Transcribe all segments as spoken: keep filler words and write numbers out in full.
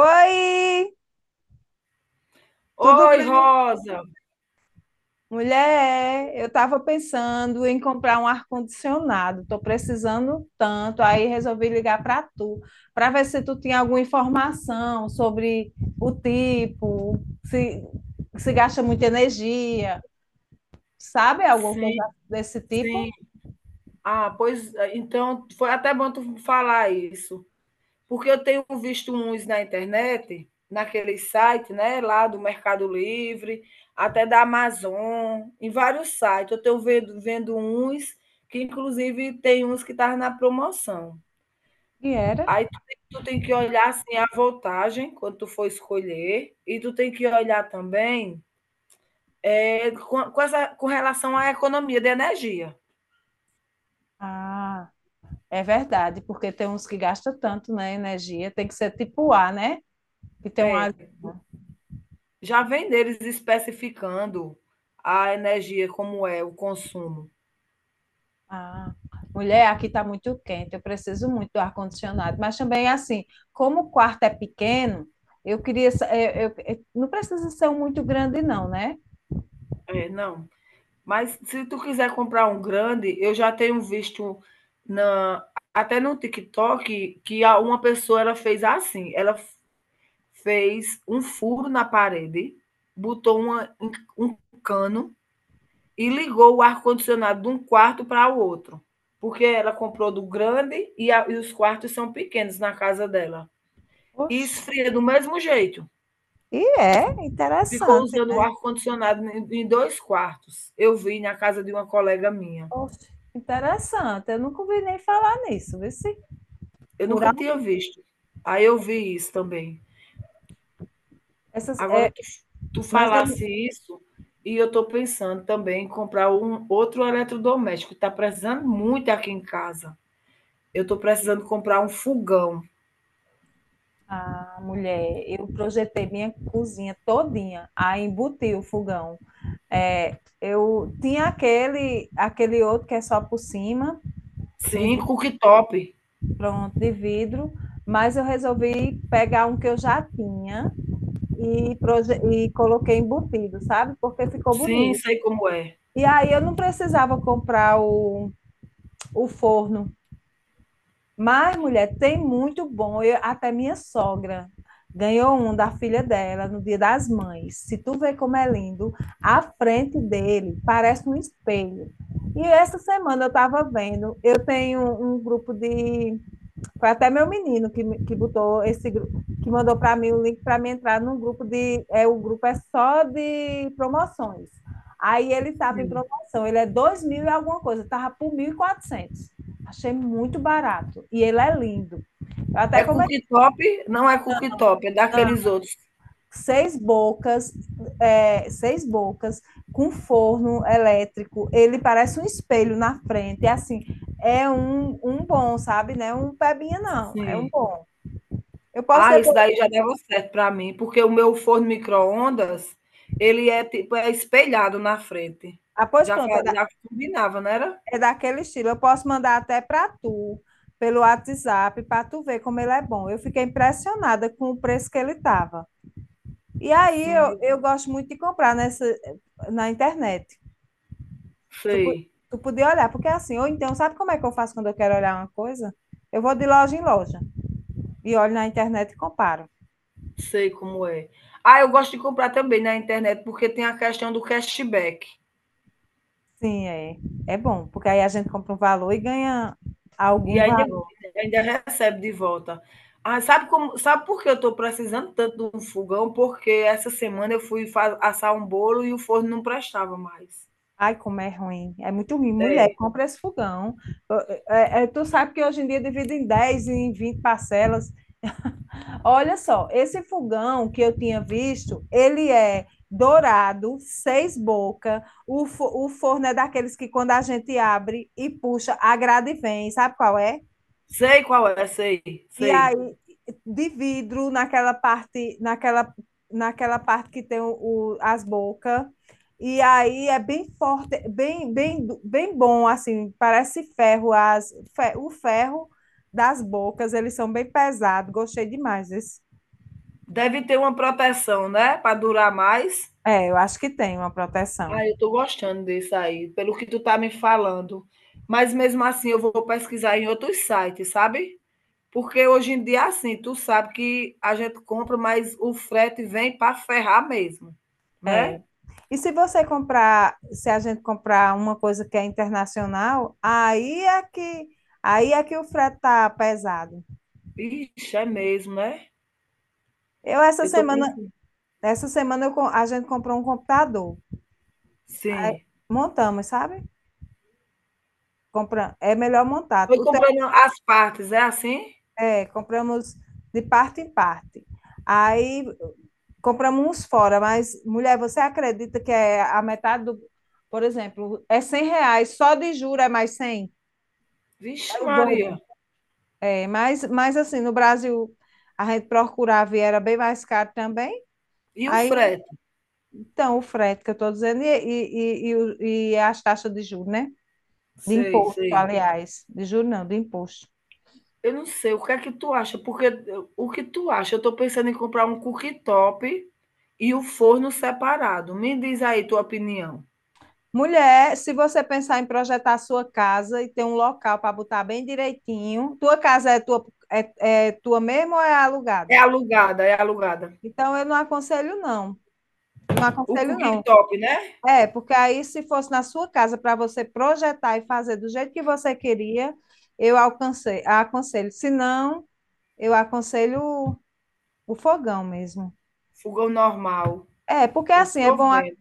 Oi, tudo Oi, bem? Rosa. Mulher, eu estava pensando em comprar um ar-condicionado. Estou precisando tanto, aí resolvi ligar para tu, para ver se tu tinha alguma informação sobre o tipo, se, se gasta muita energia, sabe alguma Sim, coisa desse sim. tipo? Ah, pois eh, então foi até bom tu falar isso, porque eu tenho visto uns na internet, naquele site, né, lá do Mercado Livre, até da Amazon, em vários sites. Eu tenho vendo vendo uns que inclusive tem uns que estavam na promoção. E era? Aí tu tem tu tem que olhar, assim, a voltagem quando tu for escolher, e tu tem que olhar também, eh, com com essa com relação à economia de energia. Ah, é verdade, porque tem uns que gastam tanto, né, energia, tem que ser tipo A, né? Que tem um É, ar. já vem deles especificando a energia, como é o consumo. Ah, mulher, aqui está muito quente, eu preciso muito do ar-condicionado. Mas também, assim, como o quarto é pequeno, eu queria. Sa- Eu, eu- eu- não precisa ser um muito grande, não, né? É, não. Mas se tu quiser comprar um grande, eu já tenho visto na, até no TikTok, que a- uma pessoa, ela fez assim, ela f- fez um furo na parede, botou uma- um cano, e ligou o ar-condicionado de um quarto para o outro. Porque ela comprou do grande e, a- e os quartos são pequenos na casa dela. E Oxe, esfria do mesmo jeito. e é Ficou interessante. usando o ar-condicionado em em dois quartos. Eu vi na casa de uma colega minha. Oxe, interessante. Eu nunca ouvi nem falar nisso, vê se Eu furar. nunca tinha um- visto. Aí eu vi isso também. Essas, Agora é, tu, tu mas eu, falasse isso, e eu estou pensando também em comprar um outro eletrodoméstico. Está precisando muito aqui em casa. Eu estou precisando comprar um fogão. ah, mulher, eu projetei minha cozinha todinha, aí embuti o fogão. É, eu tinha aquele, aquele outro que é só por cima, de Sim, cooktop. pronto, de vidro, mas eu resolvi pegar um que eu já tinha e, proje- e coloquei embutido, sabe? Porque ficou Sim, bonito. sei como é. E aí eu não precisava comprar o, o forno. Mas, mulher, tem muito bom. Eu- até minha sogra ganhou um da filha dela no Dia das Mães. Se tu vê como é lindo, a frente dele parece um espelho. E essa semana eu estava vendo, eu tenho um grupo de. Foi até meu menino que, que botou esse grupo, que mandou para mim o link para me entrar num grupo de. É, o grupo é só de promoções. Aí ele estava em Sim. promoção, ele é dois mil e alguma coisa, estava por mil e quatrocentos. Achei muito barato. E ele é lindo. Eu até É comentei, cooktop? Não é cooktop, é daqueles outros. seis bocas, é, seis bocas, com forno elétrico. Ele parece um espelho na frente. É assim, é um, um bom, sabe? Não é um pebinha, não. É um Sim. bom. Eu posso Ah, isso depois. daí já dava certo para mim, porque o meu forno micro-ondas, ele é tipo é espelhado na frente. Ah, pois Já pronto, é, fa da- Já combinava, não era? é daquele estilo. Eu posso mandar até para tu, pelo WhatsApp, para tu ver como ele é bom. Eu fiquei impressionada com o preço que ele estava. E aí eu, Sim, eu gosto muito de comprar nessa, na internet. Tu, po- sei, tu podia olhar, porque assim, ou então, sabe como é que eu faço quando eu quero olhar uma coisa? Eu vou de loja em loja e olho na internet e comparo. sei como é. Ah, eu gosto de comprar também na internet, porque tem a questão do cashback, Sim, é, é bom, porque aí a gente compra um valor e ganha e algum ainda valor. ainda recebe de volta. Ah, sabe como sabe por que eu estou precisando tanto de um fogão? Porque essa semana eu fui fa assar um bolo e o forno não prestava mais. Ai, como é ruim. É muito ruim. Mulher, É, compra esse fogão. É, é, tu sabe que hoje em dia divide em dez em vinte parcelas. Olha só, esse fogão que eu tinha visto, ele é dourado, seis boca. O, fo- o forno é daqueles que quando a gente abre e puxa, a grade vem. Sabe qual é? sei qual é, sei, E sei. aí, de vidro, naquela parte, naquela, naquela parte que tem o, o- as bocas. E aí é bem forte, bem, bem, bem bom, assim, parece ferro, as, fe- o ferro das bocas, eles são bem pesados, gostei demais desse. Deve ter uma proteção, né? Para durar mais. É, eu acho que tem uma proteção. Ah, eu tô gostando disso aí, pelo que tu tá me falando. Mas mesmo assim eu vou pesquisar em outros sites, sabe? Porque hoje em dia, assim, tu sabe que a gente compra, mas o frete vem para ferrar mesmo, É. né? E se você comprar, se a gente comprar uma coisa que é internacional, aí é que, aí é que o frete tá pesado. Ixi, é mesmo, né? Eu essa Eu tô semana pensando. Nessa semana eu co- a gente comprou um computador. Aí Sim. montamos, sabe? Compra, é melhor montar. Foi O teu- comprando as partes, é assim? É, compramos de parte em parte. Aí compramos uns fora, mas, mulher, você acredita que é a metade do. Por exemplo, é cem reais, só de juro é mais cem. Vixe, É o dobro. Maria. É, mas, mas assim, no Brasil, a gente procurava e era bem mais caro também. E o Aí, frete? então, o frete que eu estou dizendo e, e, e, e o- e as taxas de juros, né? De Sei, imposto, sei. aliás. De juro não, de imposto. Eu não sei, o que é que tu acha? Porque o que tu acha? Eu tô pensando em comprar um cooktop e o forno separado. Me diz aí tua opinião. Mulher, se você pensar em projetar a sua casa e ter um local para botar bem direitinho, tua casa é tua, é, é tua mesmo ou é É alugada? alugada, é alugada. Então, eu não aconselho, não. Eu não O aconselho, não. cooktop, né? É, porque aí, se fosse na sua casa para você projetar e fazer do jeito que você queria, eu alcancei, aconselho. Se não, eu aconselho o fogão mesmo. Fogão normal. É, porque Eu assim, é tô bom. vendo,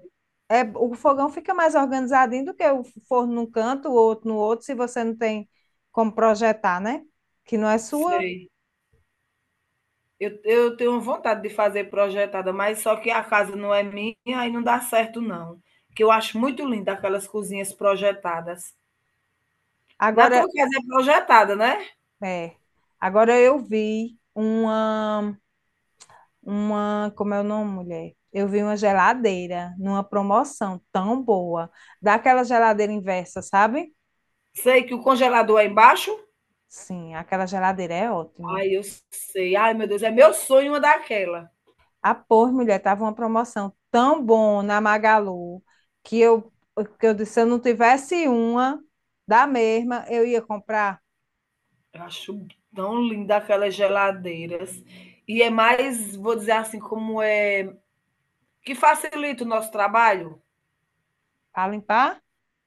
É, o fogão fica mais organizadinho do que o forno num canto, o outro no outro, se você não tem como projetar, né? Que não é sua. sei. Eu, eu tenho vontade de fazer projetada, mas só que a casa não é minha e não dá certo, não. Que eu acho muito linda aquelas cozinhas projetadas. Na tua Agora, casa é projetada, né? é, agora eu vi uma, uma, como é o nome, mulher? Eu vi uma geladeira numa promoção tão boa, daquela geladeira inversa, sabe? Sei que o congelador é embaixo. Sim, aquela geladeira é ótima. Ai, eu sei. Ai, meu Deus, é meu sonho uma daquela. A pôr, mulher, tava uma promoção tão bom na Magalu que eu, que eu disse, se eu não tivesse uma da mesma, eu ia comprar Eu acho tão linda aquelas geladeiras. E é mais, vou dizer assim, como é, que facilita o nosso trabalho. para limpar,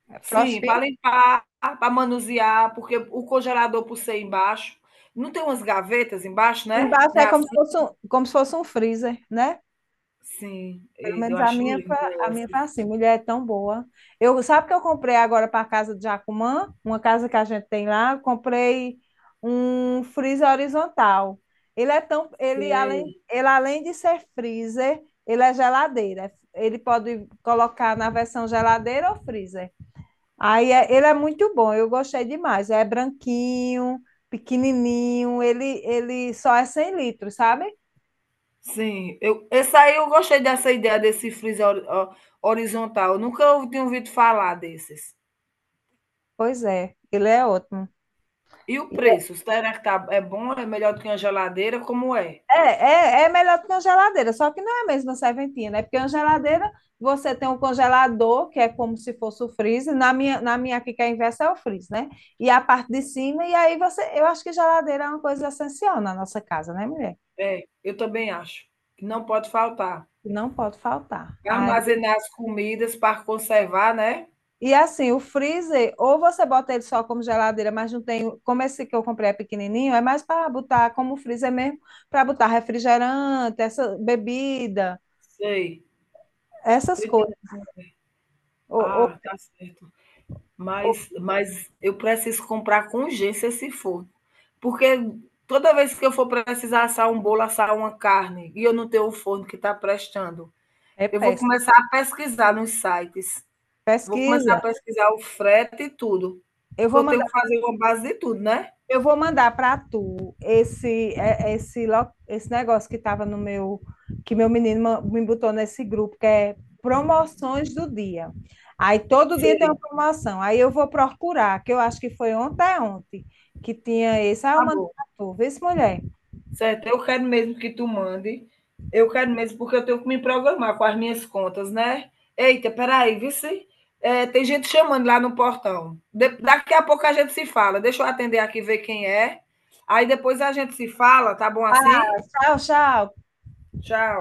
é Sim, para Frostfix. limpar, para manusear, porque o congelador, por ser embaixo, não tem umas gavetas embaixo, né? Embaixo Né é como assim? se fosse um, como se fosse um freezer, né? Sim, Pelo e eu menos a acho minha, foi- linda a minha essa. foi assim, mulher é tão boa. Eu, sabe que eu comprei agora para a casa de Jacumã, uma casa que a gente tem lá, eu comprei um freezer horizontal. Ele é tão, ele além, Sei. ele além de ser freezer, ele é geladeira. Ele pode colocar na versão geladeira ou freezer. Aí é- ele é muito bom, eu gostei demais. É branquinho, pequenininho, ele, ele só é cem litros, sabe? Sim, eu, essa aí eu gostei dessa ideia desse freezer hori- ho- horizontal. Eu nunca tinha ouvido falar desses. Pois é, ele é ótimo. E o preço, será que tá é bom, é melhor do que uma geladeira, como é? É, é, é melhor do que uma geladeira, só que não é mesmo a mesma serventina, é porque uma geladeira você tem um congelador, que é como se fosse o freezer, na minha, na minha aqui que é inversa é o freezer, né? E a parte de cima, e aí você, eu acho que geladeira é uma coisa essencial na nossa casa, né, mulher? É, eu também acho, que não pode faltar. E não pode faltar. Aí, Armazenar as comidas para conservar, né? e assim, o freezer, ou você bota ele só como geladeira, mas não tem, como esse que eu comprei é pequenininho, é mais para botar como freezer mesmo, para botar refrigerante, essa bebida, Sei, tô essas coisas. entendendo. Ou, ou- Ah, tá certo. ou- Mas mas eu preciso comprar com urgência, se for, porque toda vez que eu for precisar assar um bolo, assar uma carne, e eu não tenho o forno que está prestando, é eu vou péssimo. começar a pesquisar nos sites. Vou começar a Pesquisa. pesquisar o frete e tudo, Eu porque vou eu tenho mandar, que fazer uma base de tudo, né? eu vou mandar para tu esse é- esse lo- esse negócio que estava no meu que meu menino ma- me botou nesse grupo que é promoções do dia. Aí todo dia tem uma Sei, promoção. Aí eu vou procurar, que eu acho que foi ontem é ontem que tinha esse. Aí eu tá mando bom. para tu. Vê se mulher. Certo, eu quero mesmo que tu mande. Eu quero mesmo, porque eu tenho que me programar com as minhas contas, né? Eita, peraí, vice. É, tem gente chamando lá no portão. De- daqui a pouco a gente se fala. Deixa eu atender aqui, ver quem é. Aí depois a gente se fala, tá bom assim? Tchau, tchau. Tchau.